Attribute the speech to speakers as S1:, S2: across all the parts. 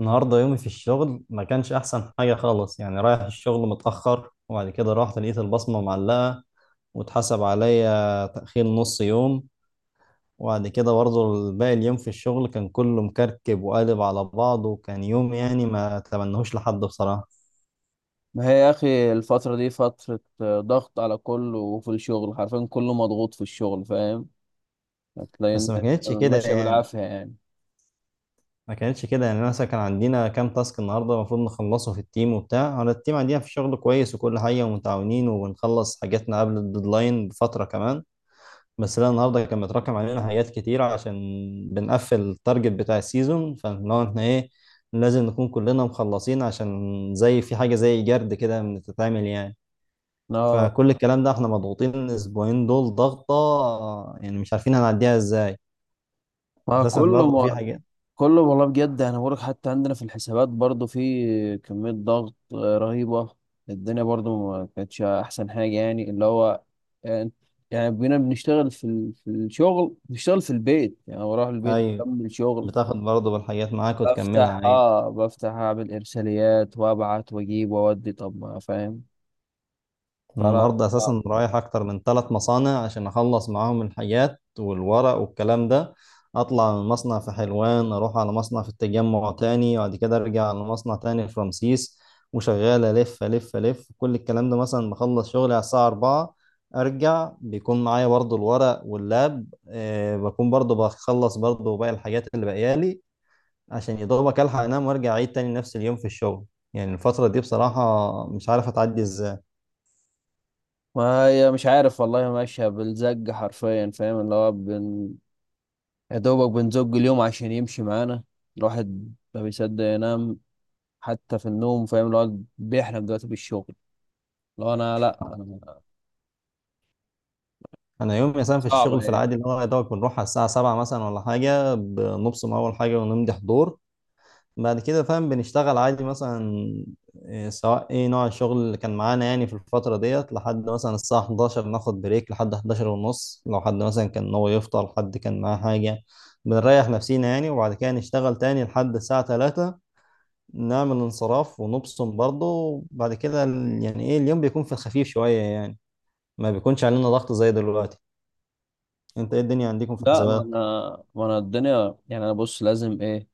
S1: النهارده يومي في الشغل ما كانش احسن حاجه خالص، يعني رايح الشغل متاخر. وبعد كده رحت لقيت البصمه معلقه واتحسب عليا تاخير نص يوم. وبعد كده برضه باقي اليوم في الشغل كان كله مكركب وقالب على بعضه، وكان يوم يعني ما اتمنهوش لحد بصراحه.
S2: ما هي يا اخي الفترة دي فترة ضغط على كله، وفي الشغل حرفيا كله مضغوط في الشغل. فاهم هتلاقي إن
S1: بس
S2: ماشية بالعافية يعني.
S1: ما كانتش كده يعني. أنا مثلا كان عندنا كام تاسك النهارده المفروض نخلصه في التيم، وبتاع على التيم عندنا في الشغل كويس وكل حاجه ومتعاونين وبنخلص حاجاتنا قبل الديدلاين بفتره كمان. بس لا، النهارده كان متراكم علينا حاجات كتيرة عشان بنقفل التارجت بتاع السيزون. فلو احنا ايه، لازم نكون كلنا مخلصين عشان زي في حاجة زي جرد كده بتتعمل يعني.
S2: لا،
S1: فكل الكلام ده احنا مضغوطين الاسبوعين دول ضغطة، يعني مش عارفين هنعديها ازاي.
S2: ما
S1: اساسا
S2: كله
S1: برضه في
S2: ما
S1: حاجات.
S2: كله والله بجد انا بقولك، حتى عندنا في الحسابات برضو في كمية ضغط رهيبة. الدنيا برضو ما كانتش احسن حاجة، يعني اللي هو يعني بينا بنشتغل في الشغل، بنشتغل في البيت، يعني بروح البيت
S1: ايوه،
S2: بكمل شغل.
S1: بتاخد برضه بالحاجات معاك
S2: بفتح
S1: وتكملها، ايوه.
S2: اه بفتح اعمل ارساليات وابعت واجيب واودي، طب ما فاهم
S1: انا
S2: فلا
S1: النهارده
S2: صعب.
S1: اساسا رايح اكتر من ثلاث مصانع عشان اخلص معاهم الحاجات والورق والكلام ده. اطلع من مصنع في حلوان، اروح على مصنع في التجمع تاني، وبعد كده ارجع على مصنع تاني في رمسيس. وشغال الف الف الف. كل الكلام ده مثلا بخلص شغلي على الساعه 4، ارجع بيكون معايا برضو الورق واللاب بكون برضو بخلص برضو باقي الحاجات اللي باقيالي عشان يا دوبك الحق انام وارجع اعيد تاني نفس اليوم في الشغل. يعني الفترة دي بصراحة مش عارف اتعدي ازاي.
S2: ما هي مش عارف والله، ماشيه بالزق حرفيا، فاهم اللي هو يا دوبك بنزق اليوم عشان يمشي معانا. الواحد ما بيصدق ينام. حتى في النوم فاهم اللي هو بيحلم دلوقتي بالشغل. لو انا لا أنا
S1: انا يوم مثلا في
S2: صعبه
S1: الشغل في
S2: يعني.
S1: العادي اللي هو يا دوبك بنروح على الساعه 7 مثلا ولا حاجه، بنبصم اول حاجه ونمضي حضور. بعد كده فاهم بنشتغل عادي مثلا، سواء ايه نوع الشغل اللي كان معانا يعني في الفتره ديت لحد مثلا الساعه 11، ناخد بريك لحد 11 ونص. لو حد مثلا كان هو يفطر، حد كان معاه حاجه، بنريح نفسينا يعني. وبعد كده نشتغل تاني لحد الساعه 3، نعمل انصراف ونبصم برضه. وبعد كده يعني ايه، اليوم بيكون في الخفيف شويه يعني، ما بيكونش علينا ضغط زي دلوقتي. انت ايه الدنيا عندكم في
S2: لا، ما
S1: الحسابات؟
S2: انا ما انا الدنيا يعني، انا بص لازم ايه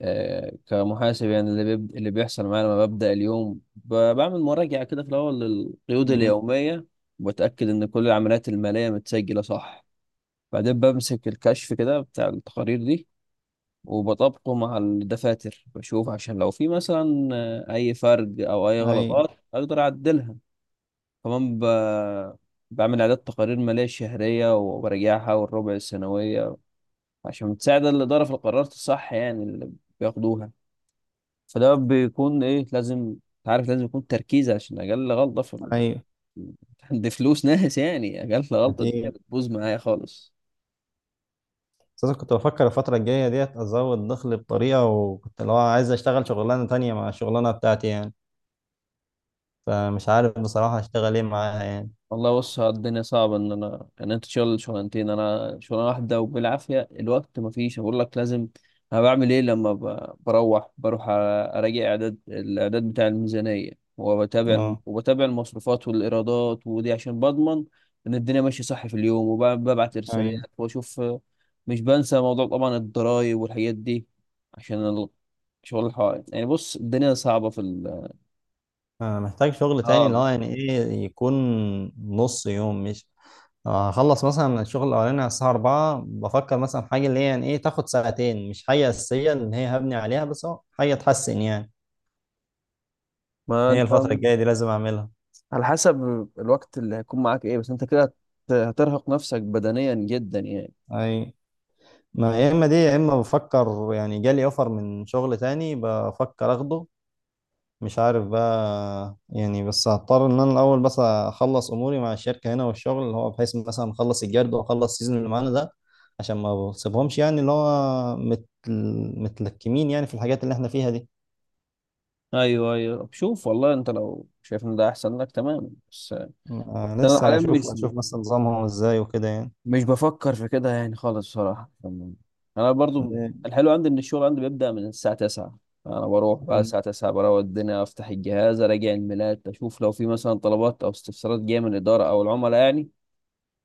S2: كمحاسب. يعني اللي بيحصل معايا لما ببدأ اليوم بعمل مراجعة كده في الأول للقيود
S1: امم
S2: اليومية، وبتأكد إن كل العمليات المالية متسجلة صح. بعدين بمسك الكشف كده بتاع التقارير دي وبطبقه مع الدفاتر، بشوف عشان لو في مثلا أي فرق أو أي
S1: ايوه،
S2: غلطات أقدر أعدلها. كمان بعمل إعداد تقارير مالية شهرية وبراجعها والربع السنوية، عشان تساعد الإدارة في القرارات الصح يعني اللي بياخدوها. فده بيكون ايه، لازم انت عارف لازم يكون تركيز، عشان اقل غلطه
S1: ايوه،
S2: عند فلوس ناس، يعني اقل غلطه الدنيا
S1: اكيد.
S2: بتبوظ معايا خالص.
S1: اساسا كنت بفكر الفتره الجايه ديت ازود دخل بطريقه، وكنت لو عايز اشتغل شغلانه تانية مع الشغلانه بتاعتي يعني. فمش عارف بصراحه اشتغل ايه معاها يعني.
S2: والله بص، ها الدنيا صعبة إن أنا إن أنت تشتغل شغلانتين، أنا شغلانة واحدة وبالعافية الوقت مفيش أقول لك لازم. أنا بعمل إيه لما بروح أراجع الإعداد بتاع الميزانية، وبتابع الم-
S1: اه،
S2: وبتابع المصروفات والإيرادات، ودي عشان بضمن إن الدنيا ماشية صح في اليوم، وببعت
S1: ايوه.
S2: رسالات وأشوف. مش بنسى موضوع طبعا الضرايب والحاجات دي عشان شغل الحوائط. يعني بص الدنيا صعبة في ال
S1: أنا محتاج شغل تاني اللي
S2: آه.
S1: هو يعني ايه، يكون نص يوم مش، هخلص مثلا الشغل الاولاني على الساعه 4. بفكر مثلا في حاجه اللي هي يعني ايه، تاخد ساعتين، مش حاجه اساسيه اللي هي هبني عليها، بس هو حاجه تحسن يعني.
S2: ما
S1: هي
S2: أنت
S1: الفتره الجايه دي لازم اعملها.
S2: على حسب الوقت اللي هيكون معاك ايه، بس انت كده هترهق نفسك بدنيا جدا يعني.
S1: ايوه، ما يا اما دي يا اما بفكر يعني جالي اوفر من شغل تاني، بفكر اخده. مش عارف بقى يعني، بس هضطر ان انا الاول بس اخلص اموري مع الشركه هنا والشغل اللي هو، بحيث مثلا اخلص الجرد واخلص السيزون اللي معانا ده عشان ما بسيبهمش يعني اللي هو متلكمين يعني في الحاجات اللي احنا فيها دي.
S2: ايوه ايوه شوف، والله انت لو شايف ان ده احسن لك تمام، بس انا
S1: لسه
S2: حاليا
S1: اشوف
S2: مش
S1: مثلا نظامهم ازاي وكده يعني.
S2: مش بفكر في كده يعني خالص بصراحه. انا برضو
S1: ده-
S2: الحلو عندي ان الشغل عندي بيبدا من الساعه 9. انا بروح بقى
S1: يعني-
S2: الساعه 9، بروق الدنيا افتح الجهاز اراجع الميلات، اشوف لو في مثلا طلبات او استفسارات جايه من الاداره او العملاء يعني.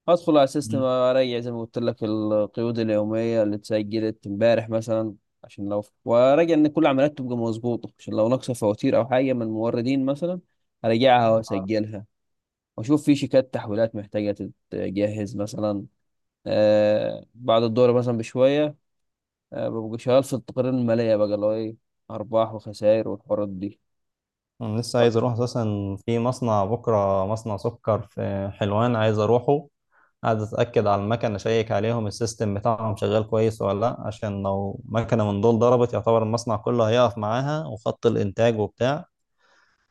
S2: ادخل على السيستم
S1: مم.
S2: اريح زي ما قلت لك القيود اليوميه اللي اتسجلت امبارح مثلا، عشان لو وراجع ان كل العمليات تبقى مظبوطه، عشان لو ناقصه فواتير او حاجه من موردين مثلا اراجعها واسجلها. واشوف في شيكات تحويلات محتاجه تتجهز مثلا. آه بعد الدورة مثلا بشويه آه ببقى شغال في التقارير الماليه بقى، اللي هو ايه ارباح وخسائر والحوارات دي.
S1: انا لسه عايز اروح اساسا في مصنع بكره، مصنع سكر في حلوان عايز اروحه. قاعد اتاكد على المكنه، اشيك عليهم السيستم بتاعهم شغال كويس ولا لا، عشان لو مكنه من دول ضربت يعتبر المصنع كله هيقف معاها وخط الانتاج وبتاع.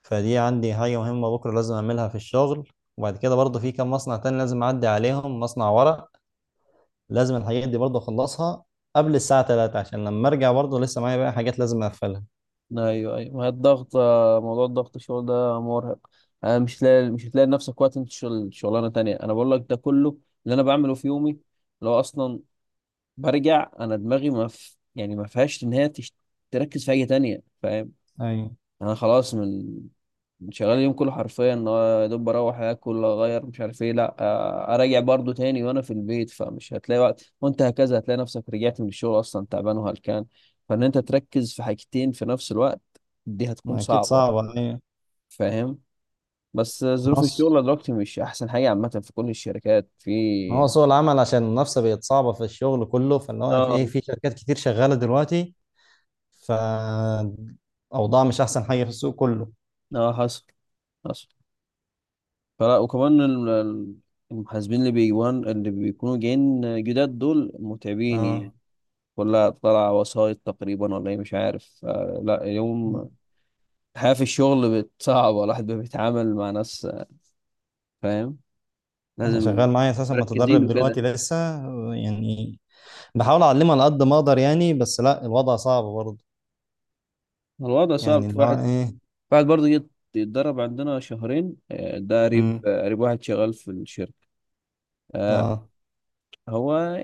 S1: فدي عندي حاجه مهمه بكره لازم اعملها في الشغل. وبعد كده برضه في كام مصنع تاني لازم اعدي عليهم، مصنع ورق لازم الحاجات دي برضه اخلصها قبل الساعه 3، عشان لما ارجع برضه لسه معايا بقى حاجات لازم اقفلها.
S2: ايوه ايوه، ما هي الضغط موضوع الضغط الشغل ده مرهق. مش لاقي، مش هتلاقي لنفسك وقت انت شغل شغلانه تانية. انا بقول لك ده كله اللي انا بعمله في يومي. لو اصلا برجع انا دماغي ما ف... يعني ما فيهاش ان هي تركز في حاجه تانية فاهم.
S1: ايوه،
S2: انا خلاص من شغال اليوم كله حرفيا، إن هو يا دوب بروح اكل اغير مش عارف ايه، لا اراجع برضو تاني وانا في البيت، فمش هتلاقي وقت. وانت هكذا هتلاقي نفسك رجعت من الشغل اصلا تعبان وهلكان، فان انت تركز في حاجتين في نفس الوقت دي هتكون
S1: اكيد
S2: صعبة
S1: صعبه، ايوه.
S2: فاهم. بس ظروف
S1: نص.
S2: الشغل دلوقتي مش احسن حاجة عامة في كل الشركات
S1: ما هو
S2: في
S1: سوق العمل عشان المنافسه بقت صعبه في الشغل كله، فاللي هو في
S2: اه.
S1: ايه، في شركات كتير شغاله دلوقتي. فأوضاع مش أحسن حاجة في السوق كله.
S2: اه حصل حصل. فلا، وكمان المحاسبين اللي بيكونوا جايين جداد دول متعبين يعني.
S1: اه.
S2: كلها طالعة وسايط تقريبا ولا ايه مش عارف لا. اليوم الحياة في الشغل بقت صعبة، الواحد بقى بيتعامل مع ناس فاهم،
S1: أنا
S2: لازم
S1: شغال معايا أساسا
S2: مركزين
S1: متدرب
S2: وكده.
S1: دلوقتي لسه يعني، بحاول أعلمه على قد ما أقدر يعني. بس لا الوضع صعب برضه.
S2: الوضع
S1: يعني
S2: صعب. في
S1: اللي هو
S2: واحد،
S1: إيه.
S2: واحد برضه جه يتدرب عندنا شهرين ده قريب
S1: امم
S2: قريب، واحد شغال في الشركة آه،
S1: اه.
S2: هو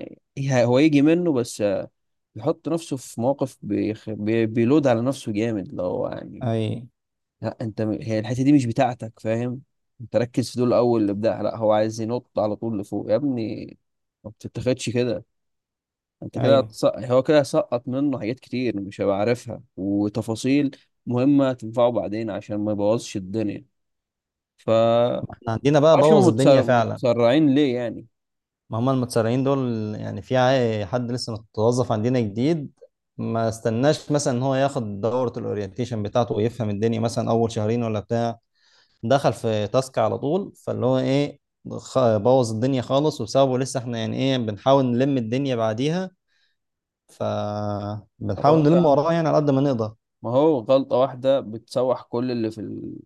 S2: هو يجي منه، بس بيحط نفسه في مواقف بيلود على نفسه جامد لو يعني.
S1: اي.
S2: لا انت هي الحته دي مش بتاعتك فاهم، انت ركز في دول الاول. الابداع لا، هو عايز ينط على طول لفوق يا ابني، ما بتتاخدش كده. انت كده
S1: ايوه.
S2: هو كده سقط منه حاجات كتير مش هيبقى عارفها، وتفاصيل مهمه تنفعه بعدين عشان ما يبوظش الدنيا ف
S1: احنا عندنا بقى
S2: معرفش هم
S1: بوظ الدنيا فعلا.
S2: متسرعين ليه يعني.
S1: ما هم المتسرعين دول. يعني في حد لسه متوظف عندنا جديد، ما استناش مثلا ان هو ياخد دورة الاورينتيشن بتاعته ويفهم الدنيا مثلا اول شهرين ولا بتاع. دخل في تاسك على طول، فاللي هو ايه، بوظ الدنيا خالص. وبسببه لسه احنا يعني ايه بنحاول نلم الدنيا بعديها. ف
S2: طب
S1: بنحاول
S2: هو يا
S1: نلم
S2: عم،
S1: وراه يعني على قد ما نقدر.
S2: ما هو غلطه واحده بتسوح كل اللي في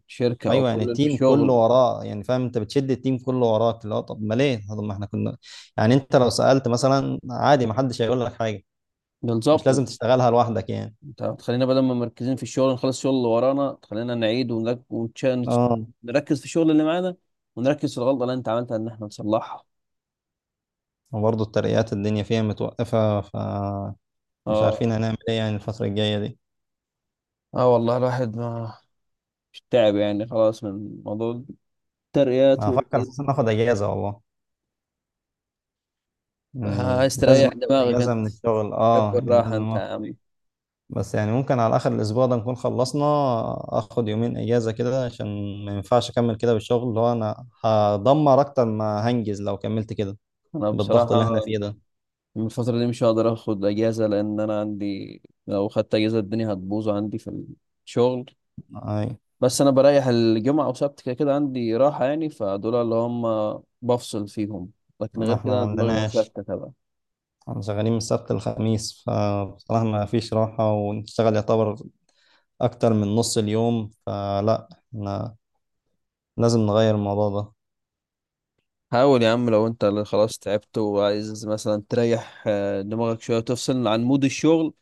S2: الشركه او
S1: ايوه،
S2: كل
S1: يعني
S2: اللي في
S1: التيم كله
S2: الشغل،
S1: وراه يعني فاهم. انت بتشد التيم كله وراك اللي هو، طب ما ليه؟ طب ما احنا كنا يعني، انت لو سألت مثلا عادي ما حدش هيقول لك حاجة. مش
S2: بالظبط.
S1: لازم تشتغلها لوحدك يعني.
S2: طب تخلينا بدل ما مركزين في الشغل نخلص الشغل اللي ورانا، تخلينا نعيد
S1: اه.
S2: نركز في الشغل اللي معانا، ونركز في الغلطة اللي انت عملتها ان احنا نصلحها.
S1: وبرضه الترقيات الدنيا فيها متوقفة. مش
S2: اه،
S1: عارفين هنعمل ايه يعني الفترة الجاية دي.
S2: اه والله الواحد ما مش تعب يعني خلاص من موضوع الترقيات
S1: هفكر
S2: والحاجات
S1: اساسا
S2: دي.
S1: اخد اجازة والله. يعني
S2: عايز
S1: لازم
S2: تريح
S1: اخد
S2: دماغك
S1: اجازه
S2: انت،
S1: من الشغل،
S2: تحب
S1: اه يعني
S2: الراحة
S1: لازم
S2: انت يا
S1: اخد.
S2: عم.
S1: بس يعني ممكن على اخر الاسبوع ده نكون خلصنا، اخد يومين اجازه كده عشان ما ينفعش اكمل كده بالشغل اللي هو انا هدمر اكتر ما هنجز لو كملت كده
S2: انا
S1: بالضغط
S2: بصراحة
S1: اللي احنا فيه ده.
S2: من الفترة دي مش هقدر اخد اجازة، لان انا عندي لو خدت اجازة الدنيا هتبوظ عندي في الشغل.
S1: اي،
S2: بس انا بريح الجمعه او سبت كده كده عندي راحه يعني، فدول اللي هم بفصل فيهم، لكن
S1: إن
S2: غير
S1: احنا
S2: كده
S1: ما
S2: أنا دماغي
S1: عندناش.
S2: مشتته بقى.
S1: احنا شغالين من السبت للخميس، فبصراحه ما فيش راحه ونشتغل يعتبر اكتر من نص اليوم. فلا احنا لازم نغير الموضوع ده.
S2: حاول يا عم، لو انت اللي خلاص تعبت وعايز مثلا تريح دماغك شويه وتفصل عن مود الشغل،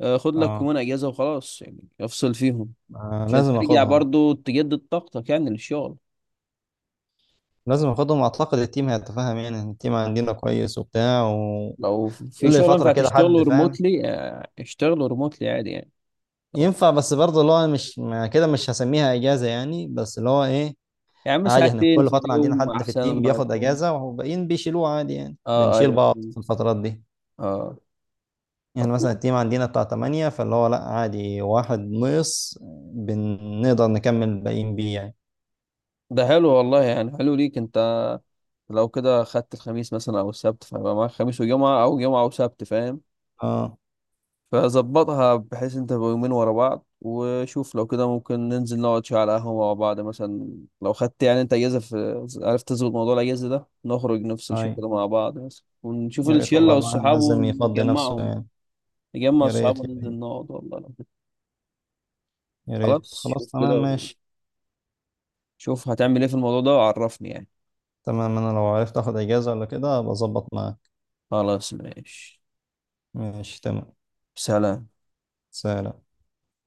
S2: خد لك
S1: اه.
S2: يومين اجازه وخلاص، يعني افصل فيهم، عشان
S1: لازم
S2: ترجع
S1: اخدهم.
S2: برضو تجدد طاقتك يعني للشغل.
S1: لازم اخدهم، اعتقد التيم هيتفاهم. يعني التيم عندنا كويس وبتاع، وكل
S2: لو في شغل
S1: فتره
S2: ينفع
S1: كده حد
S2: تشتغله
S1: فاهم.
S2: ريموتلي، اشتغله ريموتلي عادي يعني. لو-
S1: ينفع، بس برضه اللي هو مش، ما كده مش هسميها اجازه يعني، بس اللي هو ايه
S2: يا عم
S1: عادي. احنا
S2: ساعتين
S1: كل
S2: في
S1: فتره عندنا
S2: اليوم
S1: حد في
S2: احسن
S1: التيم
S2: ما
S1: بياخد
S2: يكون.
S1: اجازه والباقيين بيشيلوه عادي، يعني
S2: اه
S1: بنشيل
S2: ايوه
S1: بعض في
S2: فهمت.
S1: الفترات دي.
S2: اه،
S1: يعني مثلا
S2: طب
S1: التيم عندنا بتاع 8، فاللي هو لا عادي واحد نقص بنقدر نكمل الباقيين بيه يعني.
S2: ده حلو والله، يعني حلو ليك انت. لو كده خدت الخميس مثلا او السبت، فيبقى معاك خميس وجمعة او جمعة وسبت فاهم،
S1: اه.
S2: فظبطها بحيث انت تبقى يومين ورا بعض. وشوف لو كده ممكن ننزل نقعد شوية على قهوة مع بعض مثلا، لو خدت يعني انت اجازة، في عرفت تظبط موضوع الاجازة ده نخرج نفصل شوية
S1: هاي،
S2: كده مع بعض مثلا، ونشوف
S1: يا ريت والله،
S2: الشلة
S1: الواحد
S2: والصحاب
S1: لازم يفضي نفسه
S2: ونجمعهم.
S1: يعني.
S2: نجمع
S1: يا
S2: الصحاب
S1: ريت، يا ريت.
S2: وننزل نقعد، والله لو كده.
S1: يا ريت،
S2: خلاص
S1: خلاص
S2: شوف
S1: تمام
S2: كده،
S1: ماشي.
S2: وشوف هتعمل ايه في الموضوع ده وعرفني يعني.
S1: تمام، انا لو عرفت اخد اجازة ولا كده ابقى اظبط معاك.
S2: خلاص ماشي،
S1: ماشي، تمام.
S2: سلام.
S1: سلام.